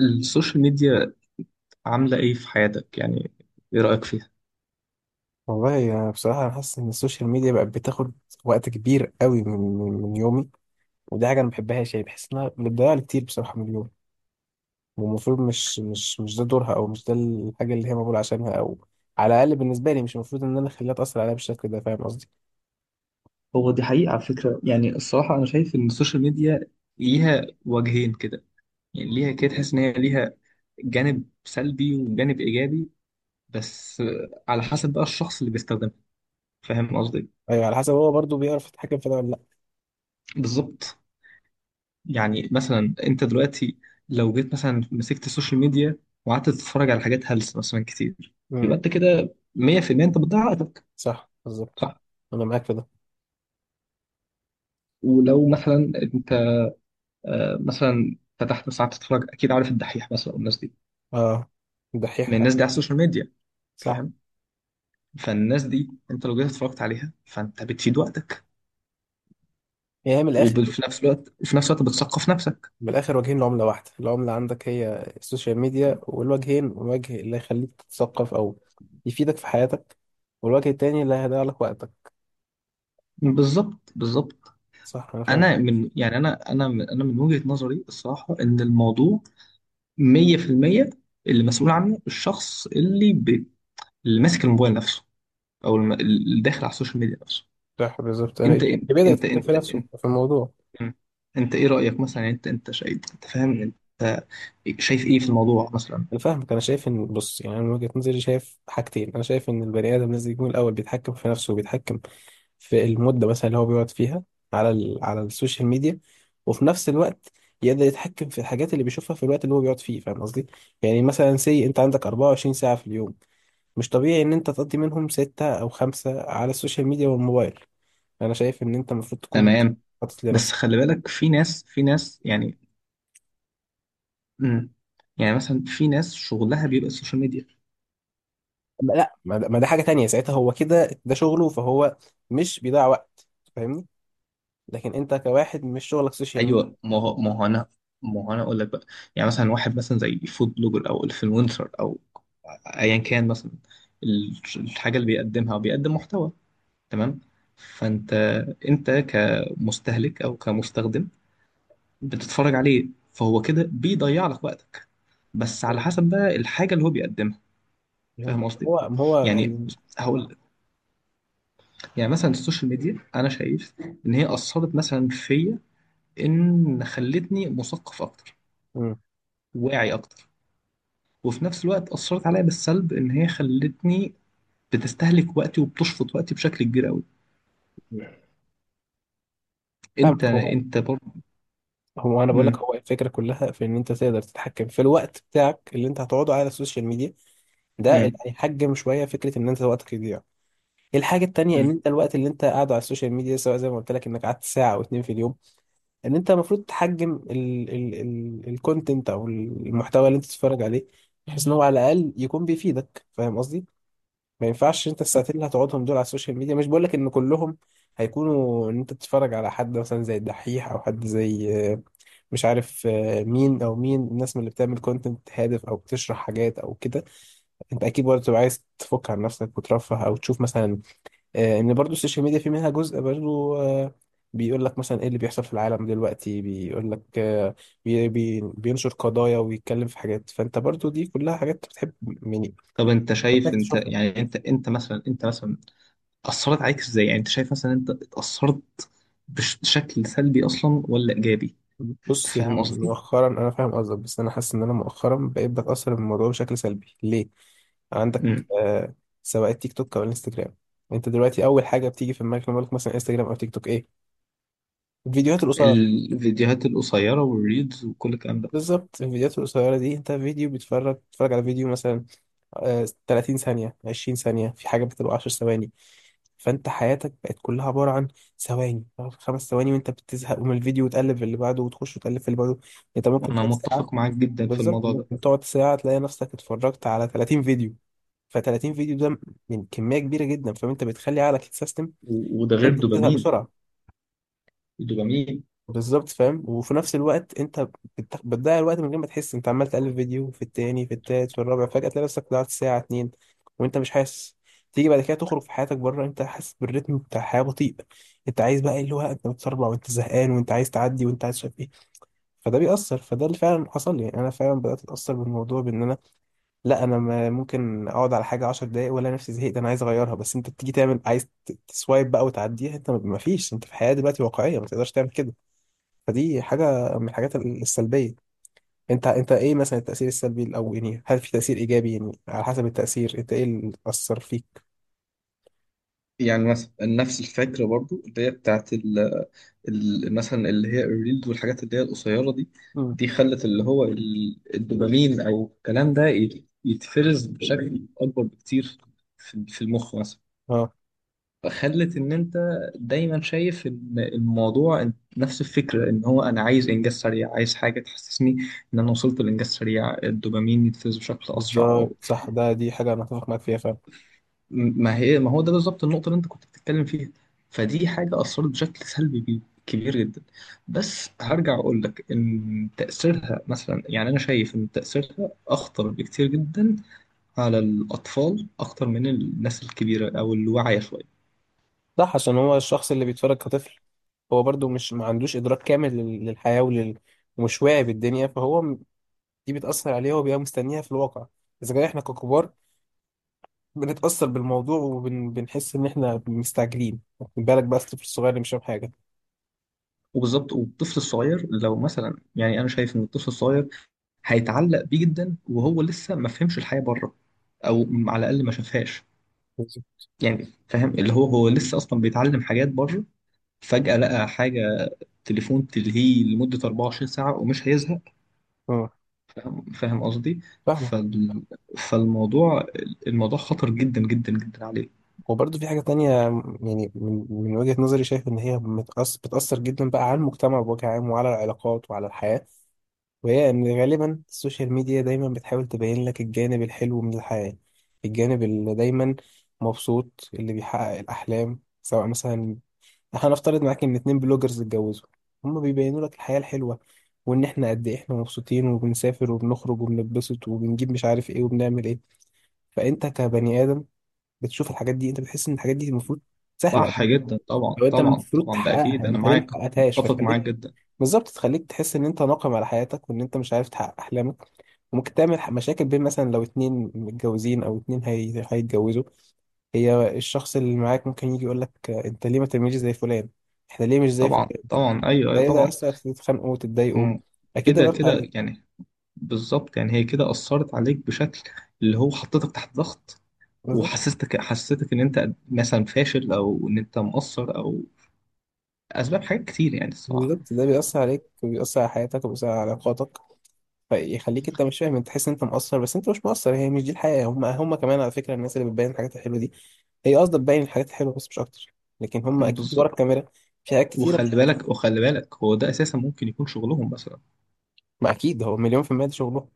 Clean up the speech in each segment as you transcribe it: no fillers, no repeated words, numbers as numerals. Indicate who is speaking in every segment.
Speaker 1: السوشيال ميديا عاملة إيه في حياتك؟ يعني إيه رأيك فيها؟
Speaker 2: والله أنا، بصراحة، أنا حاسس إن السوشيال ميديا بقت بتاخد وقت كبير قوي من يومي. ودي حاجة أنا ما بحبهاش، يعني بحس إنها بتضيع لي كتير بصراحة من اليوم. والمفروض مش ده دورها، أو مش ده الحاجة اللي هي مقبولة عشانها، أو على الأقل بالنسبة لي مش المفروض إن أنا أخليها تأثر عليا بالشكل ده. فاهم قصدي؟
Speaker 1: هو دي حقيقة على فكرة، يعني الصراحة أنا شايف إن السوشيال ميديا ليها وجهين كده. يعني ليها كده، تحس إن هي ليها جانب سلبي وجانب إيجابي، بس على حسب بقى الشخص اللي بيستخدمها. فاهم قصدي؟
Speaker 2: أيوه، على حسب هو برضه بيعرف يتحكم في ده ولا لأ.
Speaker 1: بالظبط. يعني مثلا أنت دلوقتي لو جيت مثلا مسكت السوشيال ميديا وقعدت تتفرج على حاجات هلس مثلا كتير،
Speaker 2: امم.
Speaker 1: يبقى أنت كده 100% أنت بتضيع وقتك.
Speaker 2: صح، بالظبط.
Speaker 1: صح؟
Speaker 2: أنا معاك في ده.
Speaker 1: ولو مثلا انت مثلا فتحت ساعات تتفرج، اكيد عارف الدحيح مثلا والناس دي،
Speaker 2: أه،
Speaker 1: من
Speaker 2: دحيح.
Speaker 1: الناس دي على السوشيال ميديا.
Speaker 2: صح.
Speaker 1: فاهم. فالناس دي انت لو جيت اتفرجت عليها فانت بتفيد وقتك،
Speaker 2: يعني هي من الآخر،
Speaker 1: وفي نفس الوقت بتثقف نفسك.
Speaker 2: من الاخر وجهين لعمله واحده. العمله عندك هي السوشيال ميديا، والوجهين وجه اللي هيخليك تتثقف او يفيدك في حياتك، والوجه التاني اللي هيضيع لك وقتك.
Speaker 1: بالظبط بالظبط.
Speaker 2: صح، انا
Speaker 1: انا
Speaker 2: فاهم.
Speaker 1: من، يعني انا انا من انا من وجهة نظري الصراحة ان الموضوع 100% اللي مسؤول عنه الشخص اللي ماسك الموبايل نفسه، او اللي داخل على السوشيال ميديا نفسه.
Speaker 2: صح، بالظبط. انا
Speaker 1: انت
Speaker 2: اللي
Speaker 1: انت انت
Speaker 2: بدأت في
Speaker 1: انت,
Speaker 2: نفسه
Speaker 1: انت,
Speaker 2: في الموضوع.
Speaker 1: مم. انت ايه رأيك مثلا؟ يعني انت انت شايف، انت فاهم، انت شايف ايه في الموضوع مثلا؟
Speaker 2: انا فاهمك. انا شايف ان، بص، يعني انا من وجهة نظري شايف حاجتين. انا شايف ان البني ادم لازم يكون الاول بيتحكم في نفسه، وبيتحكم في المده مثلا اللي هو بيقعد فيها على على السوشيال ميديا، وفي نفس الوقت يقدر يتحكم في الحاجات اللي بيشوفها في الوقت اللي هو بيقعد فيه. فاهم قصدي؟ يعني مثلا سي، انت عندك 24 ساعه في اليوم، مش طبيعي ان انت تقضي منهم ستة او خمسة على السوشيال ميديا والموبايل. انا شايف ان انت المفروض تكون
Speaker 1: تمام.
Speaker 2: حاطط
Speaker 1: بس
Speaker 2: لنفسك.
Speaker 1: خلي بالك، في ناس يعني. مم. يعني مثلا في ناس شغلها بيبقى السوشيال ميديا.
Speaker 2: لا، ما ده حاجه تانية، ساعتها هو كده، ده شغله، فهو مش بيضيع وقت. فاهمني. لكن انت كواحد مش شغلك سوشيال ميديا.
Speaker 1: ايوه، ما هو ما هو انا ما هو انا اقول لك بقى. يعني مثلا واحد مثلا زي فود بلوجر او انفلونسر او ايا كان مثلا، الحاجه اللي بيقدمها او بيقدم محتوى. تمام. فانت، انت كمستهلك او كمستخدم بتتفرج عليه، فهو كده بيضيع لك وقتك، بس على
Speaker 2: مم.
Speaker 1: حسب بقى الحاجة اللي هو بيقدمها.
Speaker 2: فهمت.
Speaker 1: فاهم قصدي؟
Speaker 2: هو ما هو
Speaker 1: يعني
Speaker 2: يعني.
Speaker 1: هقول لك، يعني مثلا السوشيال ميديا أنا شايف إن هي أثرت مثلا فيا، إن خلتني مثقف أكتر،
Speaker 2: مم.
Speaker 1: واعي أكتر، وفي نفس الوقت أثرت عليا بالسلب إن هي خلتني بتستهلك وقتي وبتشفط وقتي بشكل كبير قوي. أنت
Speaker 2: فاهمك. هو
Speaker 1: أنت برضه.
Speaker 2: هو انا بقول لك،
Speaker 1: مم.
Speaker 2: هو الفكره كلها في ان انت تقدر تتحكم في الوقت بتاعك اللي انت هتقعده على السوشيال ميديا. ده اللي
Speaker 1: مم.
Speaker 2: هيحجم شويه فكره ان انت وقتك يضيع. الحاجه التانيه، ان
Speaker 1: مم.
Speaker 2: انت الوقت اللي انت قاعده على السوشيال ميديا، سواء زي ما قلت لك انك قعدت ساعه او اتنين في اليوم، ان انت المفروض تحجم ال ال ال الكونتنت او المحتوى اللي انت بتتفرج عليه، بحيث ان هو على الاقل يكون بيفيدك. فاهم قصدي؟ ما ينفعش انت الساعتين اللي هتقعدهم دول على السوشيال ميديا، مش بقولك ان كلهم هيكونوا ان انت تتفرج على حد مثلا زي الدحيح، او حد زي، مش عارف، مين او مين الناس من اللي بتعمل كونتنت هادف او بتشرح حاجات او كده. انت اكيد برضه تبقى عايز تفك عن نفسك وترفه، او تشوف مثلا، ان برضه السوشيال ميديا في منها جزء برضه، بيقول لك مثلا ايه اللي بيحصل في العالم دلوقتي، بيقول لك، بي بي بينشر قضايا ويتكلم في حاجات، فانت برضه دي كلها حاجات بتحب، يعني
Speaker 1: طب انت
Speaker 2: محتاج
Speaker 1: شايف؟ انت
Speaker 2: تشوفها.
Speaker 1: يعني انت انت مثلا، انت مثلا أثرت عليك إزاي؟ يعني أنت شايف مثلا أنت اتأثرت بشكل سلبي أصلا ولا إيجابي؟
Speaker 2: بص، يعني
Speaker 1: فاهم قصدي؟
Speaker 2: مؤخرا، انا فاهم قصدك، بس انا حاسس ان انا مؤخرا بقيت بتاثر بالموضوع بشكل سلبي. ليه؟ عندك
Speaker 1: مم.
Speaker 2: سواء التيك توك او الانستجرام، انت دلوقتي اول حاجه بتيجي في دماغك لما أقول لك مثلا انستجرام او تيك توك ايه؟ الفيديوهات القصيره.
Speaker 1: الفيديوهات القصيرة والريلز وكل الكلام ده.
Speaker 2: بالظبط. الفيديوهات القصيره دي، انت فيديو بتتفرج على فيديو مثلا 30 ثانيه، 20 ثانيه، في حاجه بتبقى 10 ثواني. فانت حياتك بقت كلها عباره عن ثواني، 5 ثواني وانت بتزهق من الفيديو وتقلب في اللي بعده، وتخش وتقلب في اللي بعده. انت ممكن
Speaker 1: أنا
Speaker 2: تقعد ساعه.
Speaker 1: متفق معاك جدا في
Speaker 2: بالظبط،
Speaker 1: الموضوع ده.
Speaker 2: ممكن تقعد ساعة تلاقي نفسك اتفرجت على 30 فيديو، ف30 فيديو ده من كمية كبيرة جدا، فانت بتخلي عقلك يتسيستم
Speaker 1: وده
Speaker 2: ان
Speaker 1: غير
Speaker 2: انت بتزهق
Speaker 1: دوبامين،
Speaker 2: بسرعة.
Speaker 1: الدوبامين.
Speaker 2: بالظبط، فاهم. وفي نفس الوقت انت بتضيع الوقت من غير ما تحس، انت عمال تقلب فيديو في التاني، في التالت، في الرابع، فجأة تلاقي نفسك ضيعت ساعة اتنين وانت مش حاسس. تيجي بعد كده تخرج في حياتك بره، انت حاسس بالريتم بتاع الحياة بطيء. انت عايز بقى، اللي هو انت متسربع، وانت زهقان، وانت عايز تعدي، وانت عايز شايف ايه. فده بيأثر، فده اللي فعلا حصل لي. يعني انا فعلا بدأت اتأثر بالموضوع بان انا، لا، انا ممكن اقعد على حاجه 10 دقايق ولا نفسي، زهقت، انا عايز اغيرها. بس انت بتيجي تعمل عايز تسوايب بقى وتعديها، انت ما فيش، انت في حياه دلوقتي واقعيه ما تقدرش تعمل كده. فدي حاجه من الحاجات السلبيه. انت ايه مثلا التاثير السلبي، او يعني هل في تاثير ايجابي؟ يعني على حسب التاثير، انت ايه اللي اثر فيك؟
Speaker 1: يعني مثلا نفس الفكرة برضو اللي هي بتاعت مثلا اللي هي الريلز والحاجات اللي هي القصيرة دي،
Speaker 2: مم.
Speaker 1: دي خلت اللي هو الدوبامين أو الكلام ده يتفرز بشكل أكبر بكتير في المخ مثلا.
Speaker 2: اه.
Speaker 1: خلت ان انت دايما شايف ان الموضوع، نفس الفكره، ان هو انا عايز انجاز سريع، عايز حاجه تحسسني ان انا وصلت لانجاز سريع، الدوبامين يتفرز بشكل اسرع أو.
Speaker 2: بالظبط، صح. دي حاجه انا اتفق معاك فيها فعلا.
Speaker 1: ما هو ده بالظبط النقطه اللي انت كنت بتتكلم فيها. فدي حاجه اثرت بشكل سلبي كبير جدا. بس هرجع اقول لك ان تاثيرها مثلا، يعني انا شايف ان تاثيرها اخطر بكتير جدا على الاطفال اكتر من الناس الكبيره او الواعيه شويه.
Speaker 2: صح، عشان هو الشخص اللي بيتفرج كطفل، هو برضو مش ما عندوش ادراك كامل للحياه ومش واعي بالدنيا، فهو دي بتأثر عليه وبيبقى مستنيها في الواقع. إذا كان إحنا ككبار بنتأثر بالموضوع وبنحس إن إحنا مستعجلين، خد بالك بقى الطفل الصغير اللي مش فاهم حاجة.
Speaker 1: وبالظبط. والطفل الصغير لو مثلا، يعني انا شايف ان الطفل الصغير هيتعلق بيه جدا وهو لسه ما فهمش الحياة بره، او على الاقل ما شافهاش.
Speaker 2: بالظبط.
Speaker 1: يعني فاهم، اللي هو هو لسه اصلا بيتعلم حاجات بره، فجأة لقى حاجة، تليفون تلهيه لمدة 24 ساعة ومش هيزهق.
Speaker 2: اه،
Speaker 1: فاهم، فاهم قصدي.
Speaker 2: فاهمك.
Speaker 1: فال... فالموضوع، الموضوع خطر جدا جدا جدا عليه.
Speaker 2: وبرضه في حاجة تانية، يعني من وجهة نظري شايف إن هي متأثر بتأثر جدا بقى على المجتمع بوجه عام، وعلى العلاقات وعلى الحياة. وهي إن غالبا السوشيال ميديا دايما بتحاول تبين لك الجانب الحلو من الحياة، الجانب اللي دايما مبسوط، اللي بيحقق الأحلام. سواء مثلا، هنفترض معاك ان اتنين بلوجرز اتجوزوا، هما بيبينوا لك الحياة الحلوة، وان احنا قد ايه احنا مبسوطين وبنسافر وبنخرج وبنتبسط وبنجيب مش عارف ايه وبنعمل ايه. فانت كبني ادم بتشوف الحاجات دي، انت بتحس ان الحاجات دي المفروض سهلة،
Speaker 1: صح
Speaker 2: انت
Speaker 1: جدا. طبعا
Speaker 2: لو انت
Speaker 1: طبعا
Speaker 2: المفروض
Speaker 1: طبعا، ده
Speaker 2: تحققها،
Speaker 1: اكيد
Speaker 2: يعني
Speaker 1: انا
Speaker 2: انت ليه ما
Speaker 1: معاك،
Speaker 2: حققتهاش؟
Speaker 1: متفق
Speaker 2: فتخليك،
Speaker 1: معاك جدا.
Speaker 2: بالظبط، تخليك تحس ان انت ناقم على حياتك، وان انت مش عارف تحقق احلامك. وممكن تعمل مشاكل بين، مثلا، لو اتنين متجوزين او اتنين هيتجوزوا. هي الشخص اللي معاك ممكن يجي يقول لك انت ليه ما تعملش زي فلان، احنا ليه مش زي
Speaker 1: طبعا
Speaker 2: فلان؟
Speaker 1: طبعا، ايوه،
Speaker 2: ده
Speaker 1: أيوة،
Speaker 2: ايه؟ ده
Speaker 1: طبعا.
Speaker 2: يأثر في، تتخانقوا وتتضايقوا.
Speaker 1: مم.
Speaker 2: اكيد ده
Speaker 1: كده
Speaker 2: بيأثر
Speaker 1: كده
Speaker 2: عليك.
Speaker 1: يعني، بالظبط. يعني هي كده أثرت عليك بشكل، اللي هو حطيتك تحت ضغط،
Speaker 2: بالظبط،
Speaker 1: وحسستك إن أنت مثلا فاشل، أو إن أنت مقصر، أو أسباب حاجات كتير يعني الصراحة.
Speaker 2: بالظبط. ده بيأثر عليك، وبيأثر على حياتك، وبيأثر على علاقاتك. فيخليك انت مش فاهم، انت تحس ان انت مقصر، بس انت مش مقصر. هي مش دي الحقيقة. هم كمان على فكرة، الناس اللي بتبين الحاجات الحلوة دي، هي قصدها تبين الحاجات الحلوة بس، مش اكتر. لكن هم
Speaker 1: مم،
Speaker 2: اكيد ورا
Speaker 1: بالظبط.
Speaker 2: الكاميرا في حاجات كتيرة مش...
Speaker 1: وخلي بالك، هو ده أساسا ممكن يكون شغلهم مثلا.
Speaker 2: ما اكيد هو مليون في المية ده شغلهم.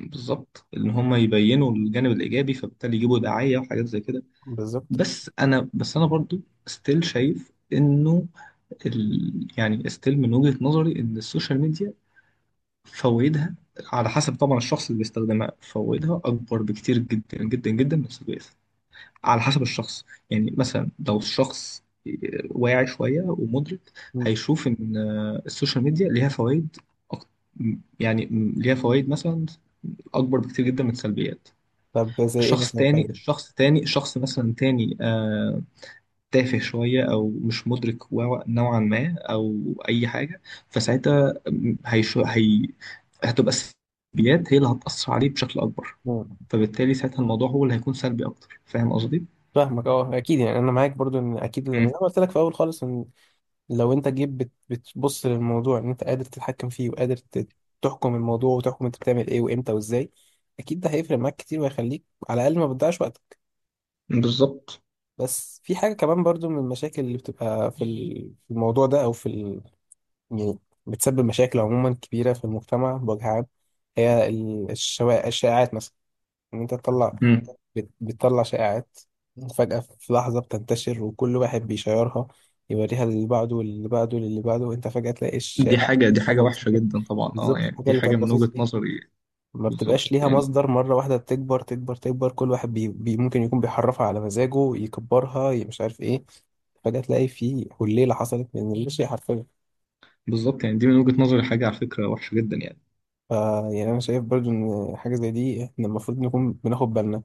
Speaker 1: بالظبط، إن هم يبينوا الجانب الإيجابي فبالتالي يجيبوا دعاية وحاجات زي كده.
Speaker 2: بالظبط.
Speaker 1: بس أنا برضو ستيل شايف إنه، يعني ستيل من وجهة نظري إن السوشيال ميديا فوائدها، على حسب طبعا الشخص اللي بيستخدمها، فوائدها أكبر بكتير جدا جدا جدا من السجاير، على حسب الشخص. يعني مثلا لو الشخص واعي شوية ومدرك،
Speaker 2: مم.
Speaker 1: هيشوف إن السوشيال ميديا ليها فوائد أك- يعني ليها فوائد مثلا أكبر بكتير جدا من السلبيات.
Speaker 2: طب زي ايه مثلا فايدة؟
Speaker 1: شخص مثلا تاني، تافه شوية أو مش مدرك نوعا ما، أو أي حاجة، فساعتها هي هتبقى السلبيات هي اللي هتأثر عليه بشكل أكبر،
Speaker 2: مم.
Speaker 1: فبالتالي ساعتها الموضوع هو اللي هيكون سلبي أكتر. فاهم قصدي؟
Speaker 2: فاهمك، اه، اكيد. يعني انا معاك برضو ان اكيد، زي
Speaker 1: مم.
Speaker 2: ما قلت لك في الاول خالص، ان لو انت جيت بتبص للموضوع ان انت قادر تتحكم فيه، وقادر تحكم الموضوع، وتحكم انت بتعمل ايه وامتى وازاي، اكيد ده هيفرق معاك كتير وهيخليك على الاقل ما بتضيعش وقتك.
Speaker 1: بالظبط.
Speaker 2: بس في حاجه كمان برضو من المشاكل اللي بتبقى في في الموضوع ده، او في يعني بتسبب مشاكل عموما كبيره في المجتمع بوجه عام. هي الشائعات مثلا. ان انت تطلع،
Speaker 1: مم.
Speaker 2: بتطلع شائعات فجأة في لحظة، بتنتشر، وكل واحد بيشيرها، يوريها للي بعده واللي بعده واللي بعده، وانت فجأة تلاقي
Speaker 1: دي
Speaker 2: الشائع
Speaker 1: حاجة دي حاجة
Speaker 2: حاجة
Speaker 1: وحشة
Speaker 2: بسيطة.
Speaker 1: جدا طبعا، اه،
Speaker 2: بالظبط،
Speaker 1: يعني
Speaker 2: الحاجة
Speaker 1: دي
Speaker 2: اللي
Speaker 1: حاجة
Speaker 2: كانت
Speaker 1: من
Speaker 2: بسيطة
Speaker 1: وجهة
Speaker 2: دي
Speaker 1: نظري.
Speaker 2: ما
Speaker 1: بالظبط
Speaker 2: بتبقاش ليها
Speaker 1: يعني.
Speaker 2: مصدر، مرة واحدة تكبر تكبر تكبر، كل واحد بي بي ممكن يكون بيحرفها على مزاجه، يكبرها، مش عارف ايه، فجأة تلاقي في حليلة حصلت من اللاشيء حرفيا.
Speaker 1: بالظبط يعني، دي من وجهة نظري حاجة على فكرة وحشة جدا يعني.
Speaker 2: ف يعني انا شايف برضو ان حاجه زي دي احنا المفروض نكون بناخد بالنا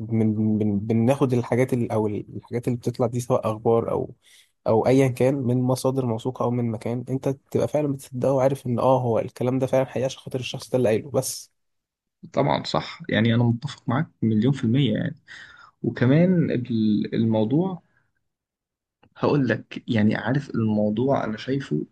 Speaker 2: من بناخد الحاجات اللي، او الحاجات اللي بتطلع دي، سواء اخبار او او ايا كان، من مصادر موثوقه، او من مكان انت تبقى فعلا بتصدقه وعارف ان اه هو الكلام ده فعلا حقيقي، عشان خاطر الشخص ده اللي قايله بس.
Speaker 1: طبعا صح، يعني أنا متفق معاك مليون في المية يعني. وكمان الموضوع، هقول لك يعني، عارف الموضوع انا شايفه